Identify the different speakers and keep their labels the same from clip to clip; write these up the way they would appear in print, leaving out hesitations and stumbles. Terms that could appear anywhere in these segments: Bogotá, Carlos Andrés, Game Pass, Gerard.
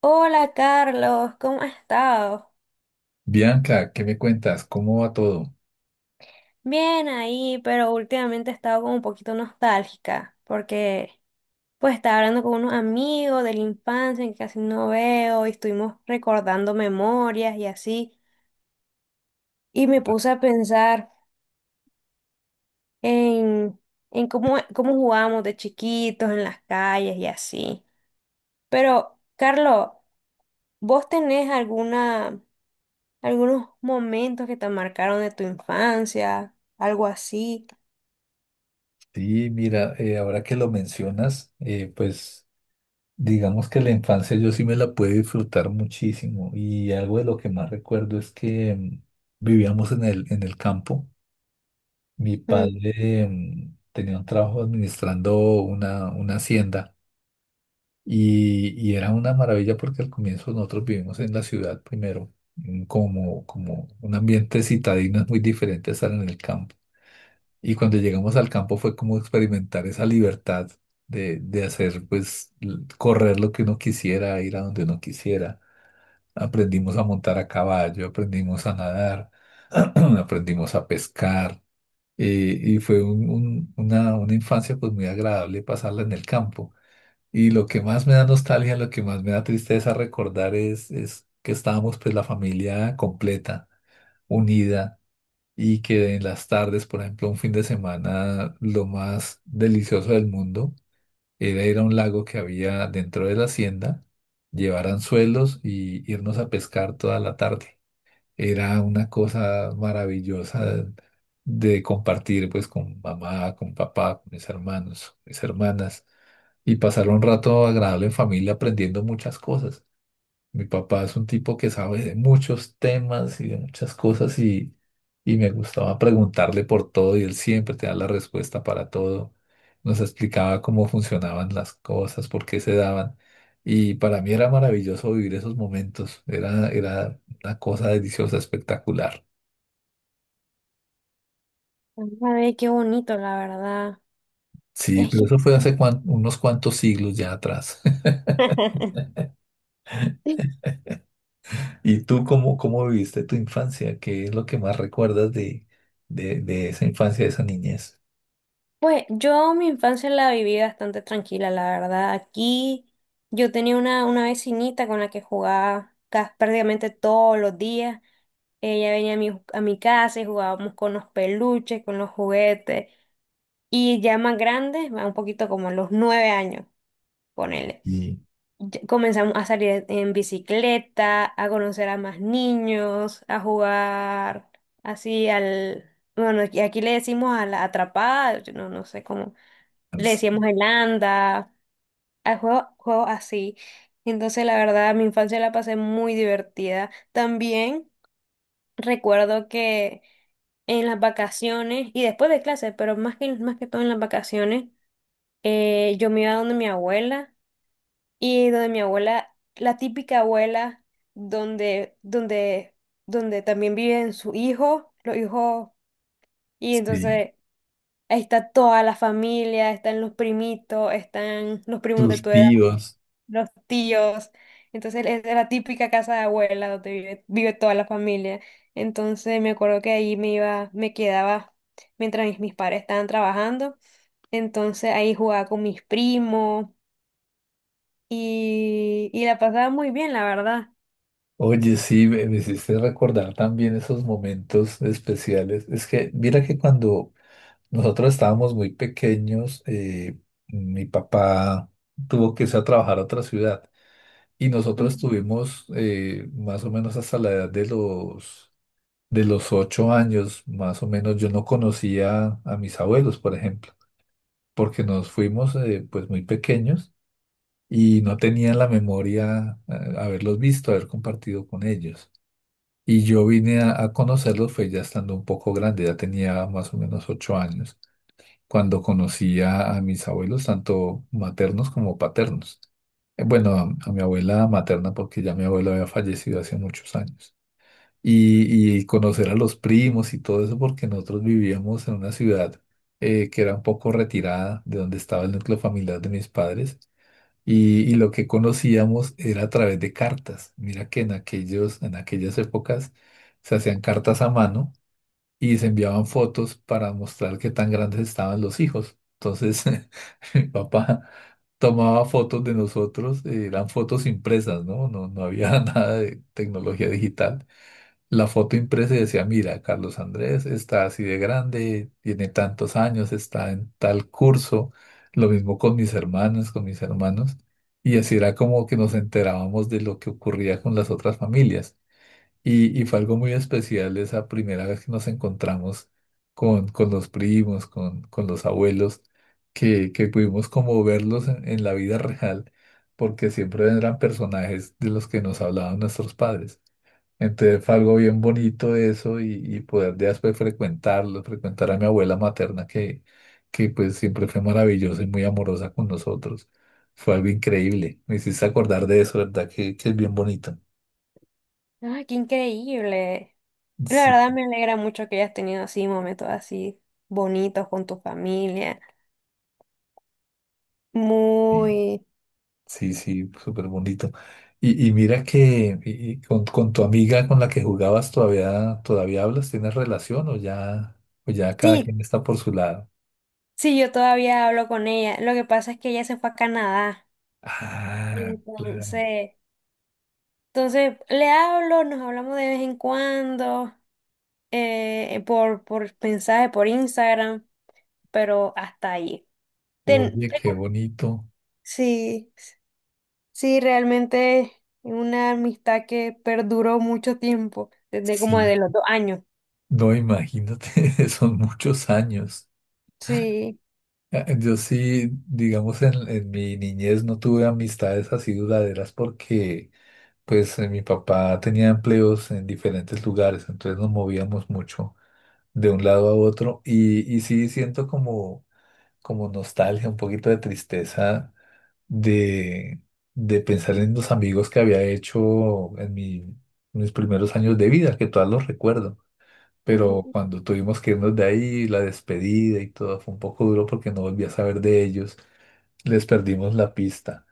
Speaker 1: Hola Carlos, ¿cómo has estado?
Speaker 2: Bianca, ¿qué me cuentas? ¿Cómo va todo?
Speaker 1: Bien ahí, pero últimamente he estado como un poquito nostálgica porque pues estaba hablando con unos amigos de la infancia que casi no veo y estuvimos recordando memorias y así y me puse a pensar en, en cómo, cómo jugábamos de chiquitos en las calles y así. Pero Carlos, ¿vos tenés algunos momentos que te marcaron de tu infancia, algo así?
Speaker 2: Sí, mira, ahora que lo mencionas, pues digamos que la infancia yo sí me la pude disfrutar muchísimo y algo de lo que más recuerdo es que vivíamos en el campo. Mi
Speaker 1: Mm.
Speaker 2: padre tenía un trabajo administrando una hacienda y era una maravilla porque al comienzo nosotros vivimos en la ciudad primero, como un ambiente citadino es muy diferente a estar en el campo. Y cuando llegamos al campo fue como experimentar esa libertad de hacer, pues, correr lo que uno quisiera, ir a donde uno quisiera. Aprendimos a montar a caballo, aprendimos a nadar, aprendimos a pescar. Y fue una infancia pues muy agradable pasarla en el campo. Y lo que más me da nostalgia, lo que más me da tristeza recordar es que estábamos pues la familia completa, unida y que en las tardes, por ejemplo, un fin de semana, lo más delicioso del mundo era ir a un lago que había dentro de la hacienda, llevar anzuelos y irnos a pescar toda la tarde. Era una cosa maravillosa de compartir pues con mamá, con papá, con mis hermanos, mis hermanas y pasar un rato agradable en familia aprendiendo muchas cosas. Mi papá es un tipo que sabe de muchos temas y de muchas cosas y me gustaba preguntarle por todo y él siempre te da la respuesta para todo. Nos explicaba cómo funcionaban las cosas, por qué se daban. Y para mí era maravilloso vivir esos momentos. Era una cosa deliciosa, espectacular.
Speaker 1: A ver, qué bonito, la verdad.
Speaker 2: Sí,
Speaker 1: Es
Speaker 2: pero
Speaker 1: que...
Speaker 2: eso fue hace unos cuantos siglos ya atrás.
Speaker 1: Sí.
Speaker 2: ¿Y tú cómo, cómo viviste tu infancia? ¿Qué es lo que más recuerdas de esa infancia, de esa niñez?
Speaker 1: Pues yo mi infancia la viví bastante tranquila, la verdad. Aquí yo tenía una vecinita con la que jugaba prácticamente todos los días. Ella venía a a mi casa y jugábamos con los peluches, con los juguetes. Y ya más grandes, un poquito como a los 9 años, ponele.
Speaker 2: Y-
Speaker 1: Comenzamos a salir en bicicleta, a conocer a más niños, a jugar así al... Bueno, aquí le decimos a la atrapada, yo no sé cómo. Le decíamos el anda, a juegos así. Entonces, la verdad, mi infancia la pasé muy divertida. También recuerdo que en las vacaciones y después de clases, pero más que todo en las vacaciones, yo me iba donde mi abuela, y donde mi abuela, la típica abuela, donde, donde, donde también viven su hijo, los hijos, y
Speaker 2: Sí,
Speaker 1: entonces ahí está toda la familia, están los primitos, están los primos de
Speaker 2: tus
Speaker 1: tu edad,
Speaker 2: tíos.
Speaker 1: los tíos. Entonces es la típica casa de abuela donde vive toda la familia. Entonces me acuerdo que ahí me iba, me quedaba mientras mis padres estaban trabajando. Entonces ahí jugaba con mis primos y la pasaba muy bien, la verdad.
Speaker 2: Oye, sí, me hiciste recordar también esos momentos especiales. Es que, mira que cuando nosotros estábamos muy pequeños, mi papá tuvo que irse a trabajar a otra ciudad y nosotros
Speaker 1: Ujú.
Speaker 2: estuvimos más o menos hasta la edad de los 8 años, más o menos. Yo no conocía a mis abuelos, por ejemplo, porque nos fuimos pues muy pequeños. Y no tenía en la memoria haberlos visto, haber compartido con ellos. Y yo vine a conocerlos fue ya estando un poco grande, ya tenía más o menos 8 años, cuando conocí a mis abuelos, tanto maternos como paternos. Bueno, a mi abuela materna, porque ya mi abuelo había fallecido hace muchos años. Y conocer a los primos y todo eso, porque nosotros vivíamos en una ciudad que era un poco retirada de donde estaba el núcleo familiar de mis padres y lo que conocíamos era a través de cartas. Mira que en aquellas épocas se hacían cartas a mano y se enviaban fotos para mostrar qué tan grandes estaban los hijos. Entonces, mi papá tomaba fotos de nosotros, eran fotos impresas, ¿no? No había nada de tecnología digital. La foto impresa y decía, mira, Carlos Andrés está así de grande, tiene tantos años, está en tal curso, lo mismo con mis hermanas, con mis hermanos, y así era como que nos enterábamos de lo que ocurría con las otras familias. Y fue algo muy especial esa primera vez que nos encontramos con los primos, con los abuelos, que pudimos como verlos en la vida real, porque siempre eran personajes de los que nos hablaban nuestros padres. Entonces fue algo bien bonito eso y poder después frecuentarlo, frecuentar a mi abuela materna que pues siempre fue maravillosa y muy amorosa con nosotros. Fue algo increíble. Me hiciste acordar de eso, ¿verdad? Que es bien bonito.
Speaker 1: Ay, qué increíble. La
Speaker 2: Sí,
Speaker 1: verdad me alegra mucho que hayas tenido así momentos así bonitos con tu familia.
Speaker 2: sí,
Speaker 1: Muy...
Speaker 2: sí, sí, súper bonito. Y mira que y con tu amiga con la que jugabas todavía, todavía hablas, ¿tienes relación o ya cada
Speaker 1: Sí,
Speaker 2: quien está por su lado?
Speaker 1: sí, yo todavía hablo con ella. Lo que pasa es que ella se fue a Canadá.
Speaker 2: Ah, claro.
Speaker 1: Entonces, entonces le hablo, nos hablamos de vez en cuando, por mensaje, por Instagram, pero hasta ahí. Ten-
Speaker 2: Oye, qué
Speaker 1: tengo-
Speaker 2: bonito.
Speaker 1: sí. Sí, realmente una amistad que perduró mucho tiempo, desde como
Speaker 2: Sí,
Speaker 1: de los 2 años.
Speaker 2: no, imagínate, son muchos años.
Speaker 1: Sí.
Speaker 2: Ah, yo sí, digamos, en mi niñez no tuve amistades así duraderas porque, pues, mi papá tenía empleos en diferentes lugares, entonces nos movíamos mucho de un lado a otro y sí siento como nostalgia, un poquito de tristeza de, de pensar en los amigos que había hecho en mis primeros años de vida, que todos los recuerdo. Pero
Speaker 1: Ujú.
Speaker 2: cuando tuvimos que irnos de ahí, la despedida y todo fue un poco duro porque no volví a saber de ellos, les perdimos la pista.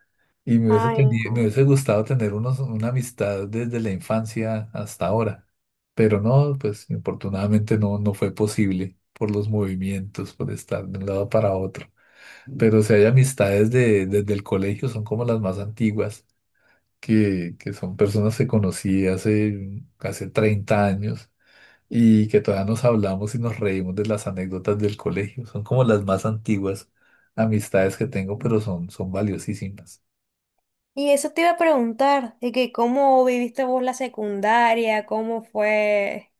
Speaker 2: Y
Speaker 1: Ay,
Speaker 2: me
Speaker 1: no.
Speaker 2: hubiese gustado tener una amistad desde la infancia hasta ahora, pero no, pues infortunadamente no, no fue posible por los movimientos, por estar de un lado para otro. Pero si hay amistades desde el colegio, son como las más antiguas, que son personas que conocí hace 30 años y que todavía nos hablamos y nos reímos de las anécdotas del colegio. Son como las más antiguas amistades que tengo, pero son, son valiosísimas.
Speaker 1: Y eso te iba a preguntar, de que cómo viviste vos la secundaria, cómo fue,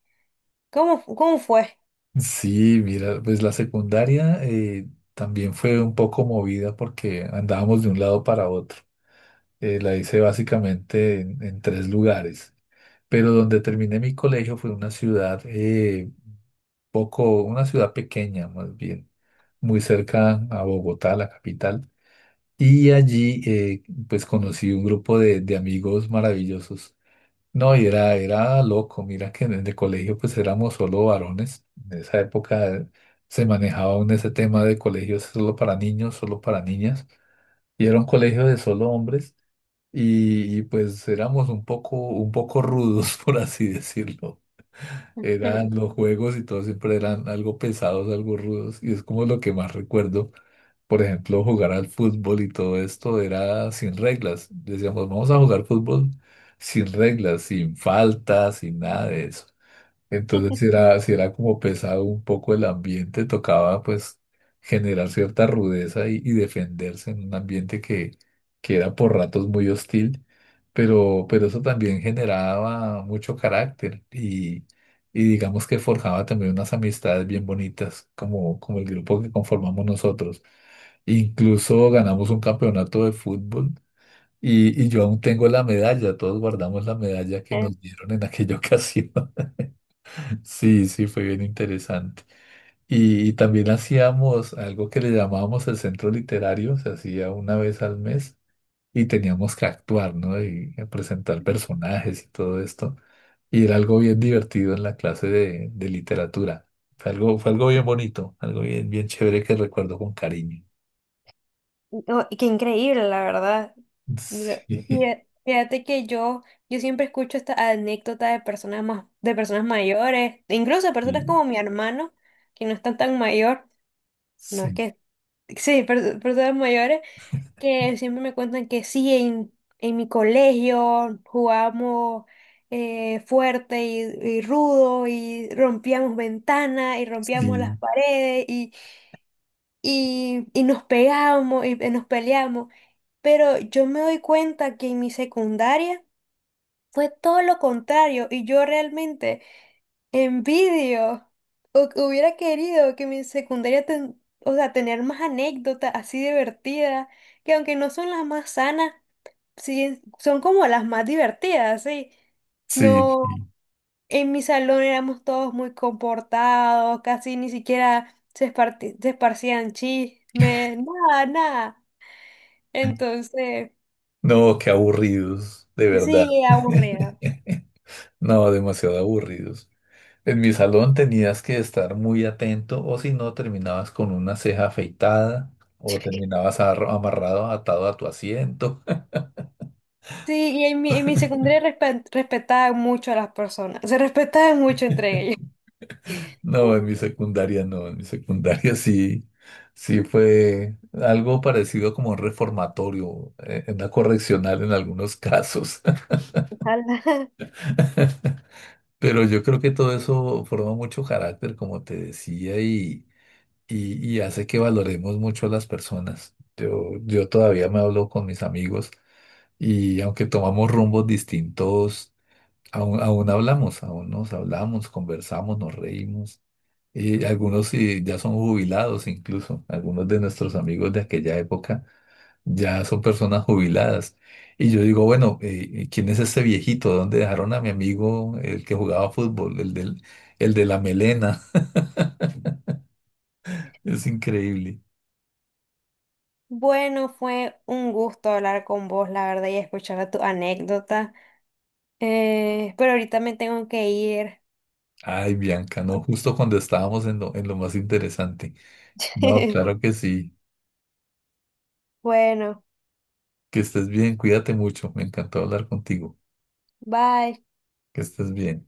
Speaker 1: cómo fue.
Speaker 2: Sí, mira, pues la secundaria también fue un poco movida porque andábamos de un lado para otro. La hice básicamente en 3 lugares, pero donde terminé mi colegio fue una ciudad poco, una ciudad pequeña más bien, muy cerca a Bogotá, la capital. Y allí, pues conocí un grupo de amigos maravillosos. No, y era, era loco. Mira que en el colegio, pues éramos solo varones. En esa época se manejaba aún ese tema de colegios solo para niños, solo para niñas. Y era un colegio de solo hombres. Y, pues éramos un poco rudos, por así decirlo. Eran los juegos y todo siempre eran algo pesados, algo rudos. Y es como lo que más recuerdo, por ejemplo, jugar al fútbol y todo esto era sin reglas. Decíamos, vamos a jugar fútbol sin reglas, sin faltas, sin nada de eso. Entonces, si era como pesado un poco el ambiente, tocaba pues generar cierta rudeza y defenderse en un ambiente que era por ratos muy hostil, pero eso también generaba mucho carácter y digamos que forjaba también unas amistades bien bonitas, como el grupo que conformamos nosotros. Incluso ganamos un campeonato de fútbol y yo aún tengo la medalla, todos guardamos la medalla que
Speaker 1: Eh,
Speaker 2: nos dieron en aquella ocasión. Sí, sí, fue bien interesante. Y también hacíamos algo que le llamábamos el centro literario, se hacía una vez al mes y teníamos que actuar, ¿no? Y presentar personajes y todo esto. Y era algo bien divertido en la clase de literatura. Fue algo bien bonito, algo bien, bien chévere que recuerdo con cariño.
Speaker 1: no, qué increíble, la verdad.
Speaker 2: Sí,
Speaker 1: Fíjate que yo siempre escucho esta anécdota de de personas mayores, e incluso de personas
Speaker 2: sí,
Speaker 1: como mi hermano, que no están tan mayor. No es
Speaker 2: sí,
Speaker 1: que... Sí, personas mayores que siempre me cuentan que sí, en mi colegio jugamos fuerte y rudo y rompíamos ventanas y rompíamos las
Speaker 2: sí,
Speaker 1: paredes y, y nos pegábamos y nos peleábamos. Pero yo me doy cuenta que en mi secundaria fue todo lo contrario y yo realmente... Envidio. Hubiera querido que mi secundaria, o sea, tener más anécdotas así divertidas, que aunque no son las más sanas, sí, son como las más divertidas, sí.
Speaker 2: sí.
Speaker 1: No,
Speaker 2: Sí.
Speaker 1: en mi salón éramos todos muy comportados, casi ni siquiera se esparcían chismes, nada, nada. Entonces,
Speaker 2: No, qué aburridos, de verdad.
Speaker 1: sí, aburrida.
Speaker 2: No, demasiado aburridos. En mi salón tenías que estar muy atento o si no terminabas con una ceja afeitada o terminabas amarrado, atado a tu asiento.
Speaker 1: Sí, y en en mi secundaria respetaban mucho a las personas, se respetaban mucho entre ellos.
Speaker 2: No, en mi secundaria no, en mi secundaria sí, sí fue algo parecido como un reformatorio, una correccional en algunos casos.
Speaker 1: Ojalá.
Speaker 2: Pero yo creo que todo eso forma mucho carácter, como te decía, y hace que valoremos mucho a las personas. Yo todavía me hablo con mis amigos. Y aunque tomamos rumbos distintos, aún, aún hablamos, aún nos hablamos, conversamos, nos reímos. Y algunos sí, ya son jubilados incluso, algunos de nuestros amigos de aquella época ya son personas jubiladas. Y yo digo, bueno, ¿quién es ese viejito? ¿Dónde dejaron a mi amigo, el que jugaba fútbol, el de la melena? Es increíble.
Speaker 1: Bueno, fue un gusto hablar con vos, la verdad, y escuchar tu anécdota. Pero ahorita me tengo que ir.
Speaker 2: Ay, Bianca, no, justo cuando estábamos en lo más interesante. No, claro que sí.
Speaker 1: Bueno,
Speaker 2: Que estés bien, cuídate mucho. Me encantó hablar contigo.
Speaker 1: bye.
Speaker 2: Que estés bien.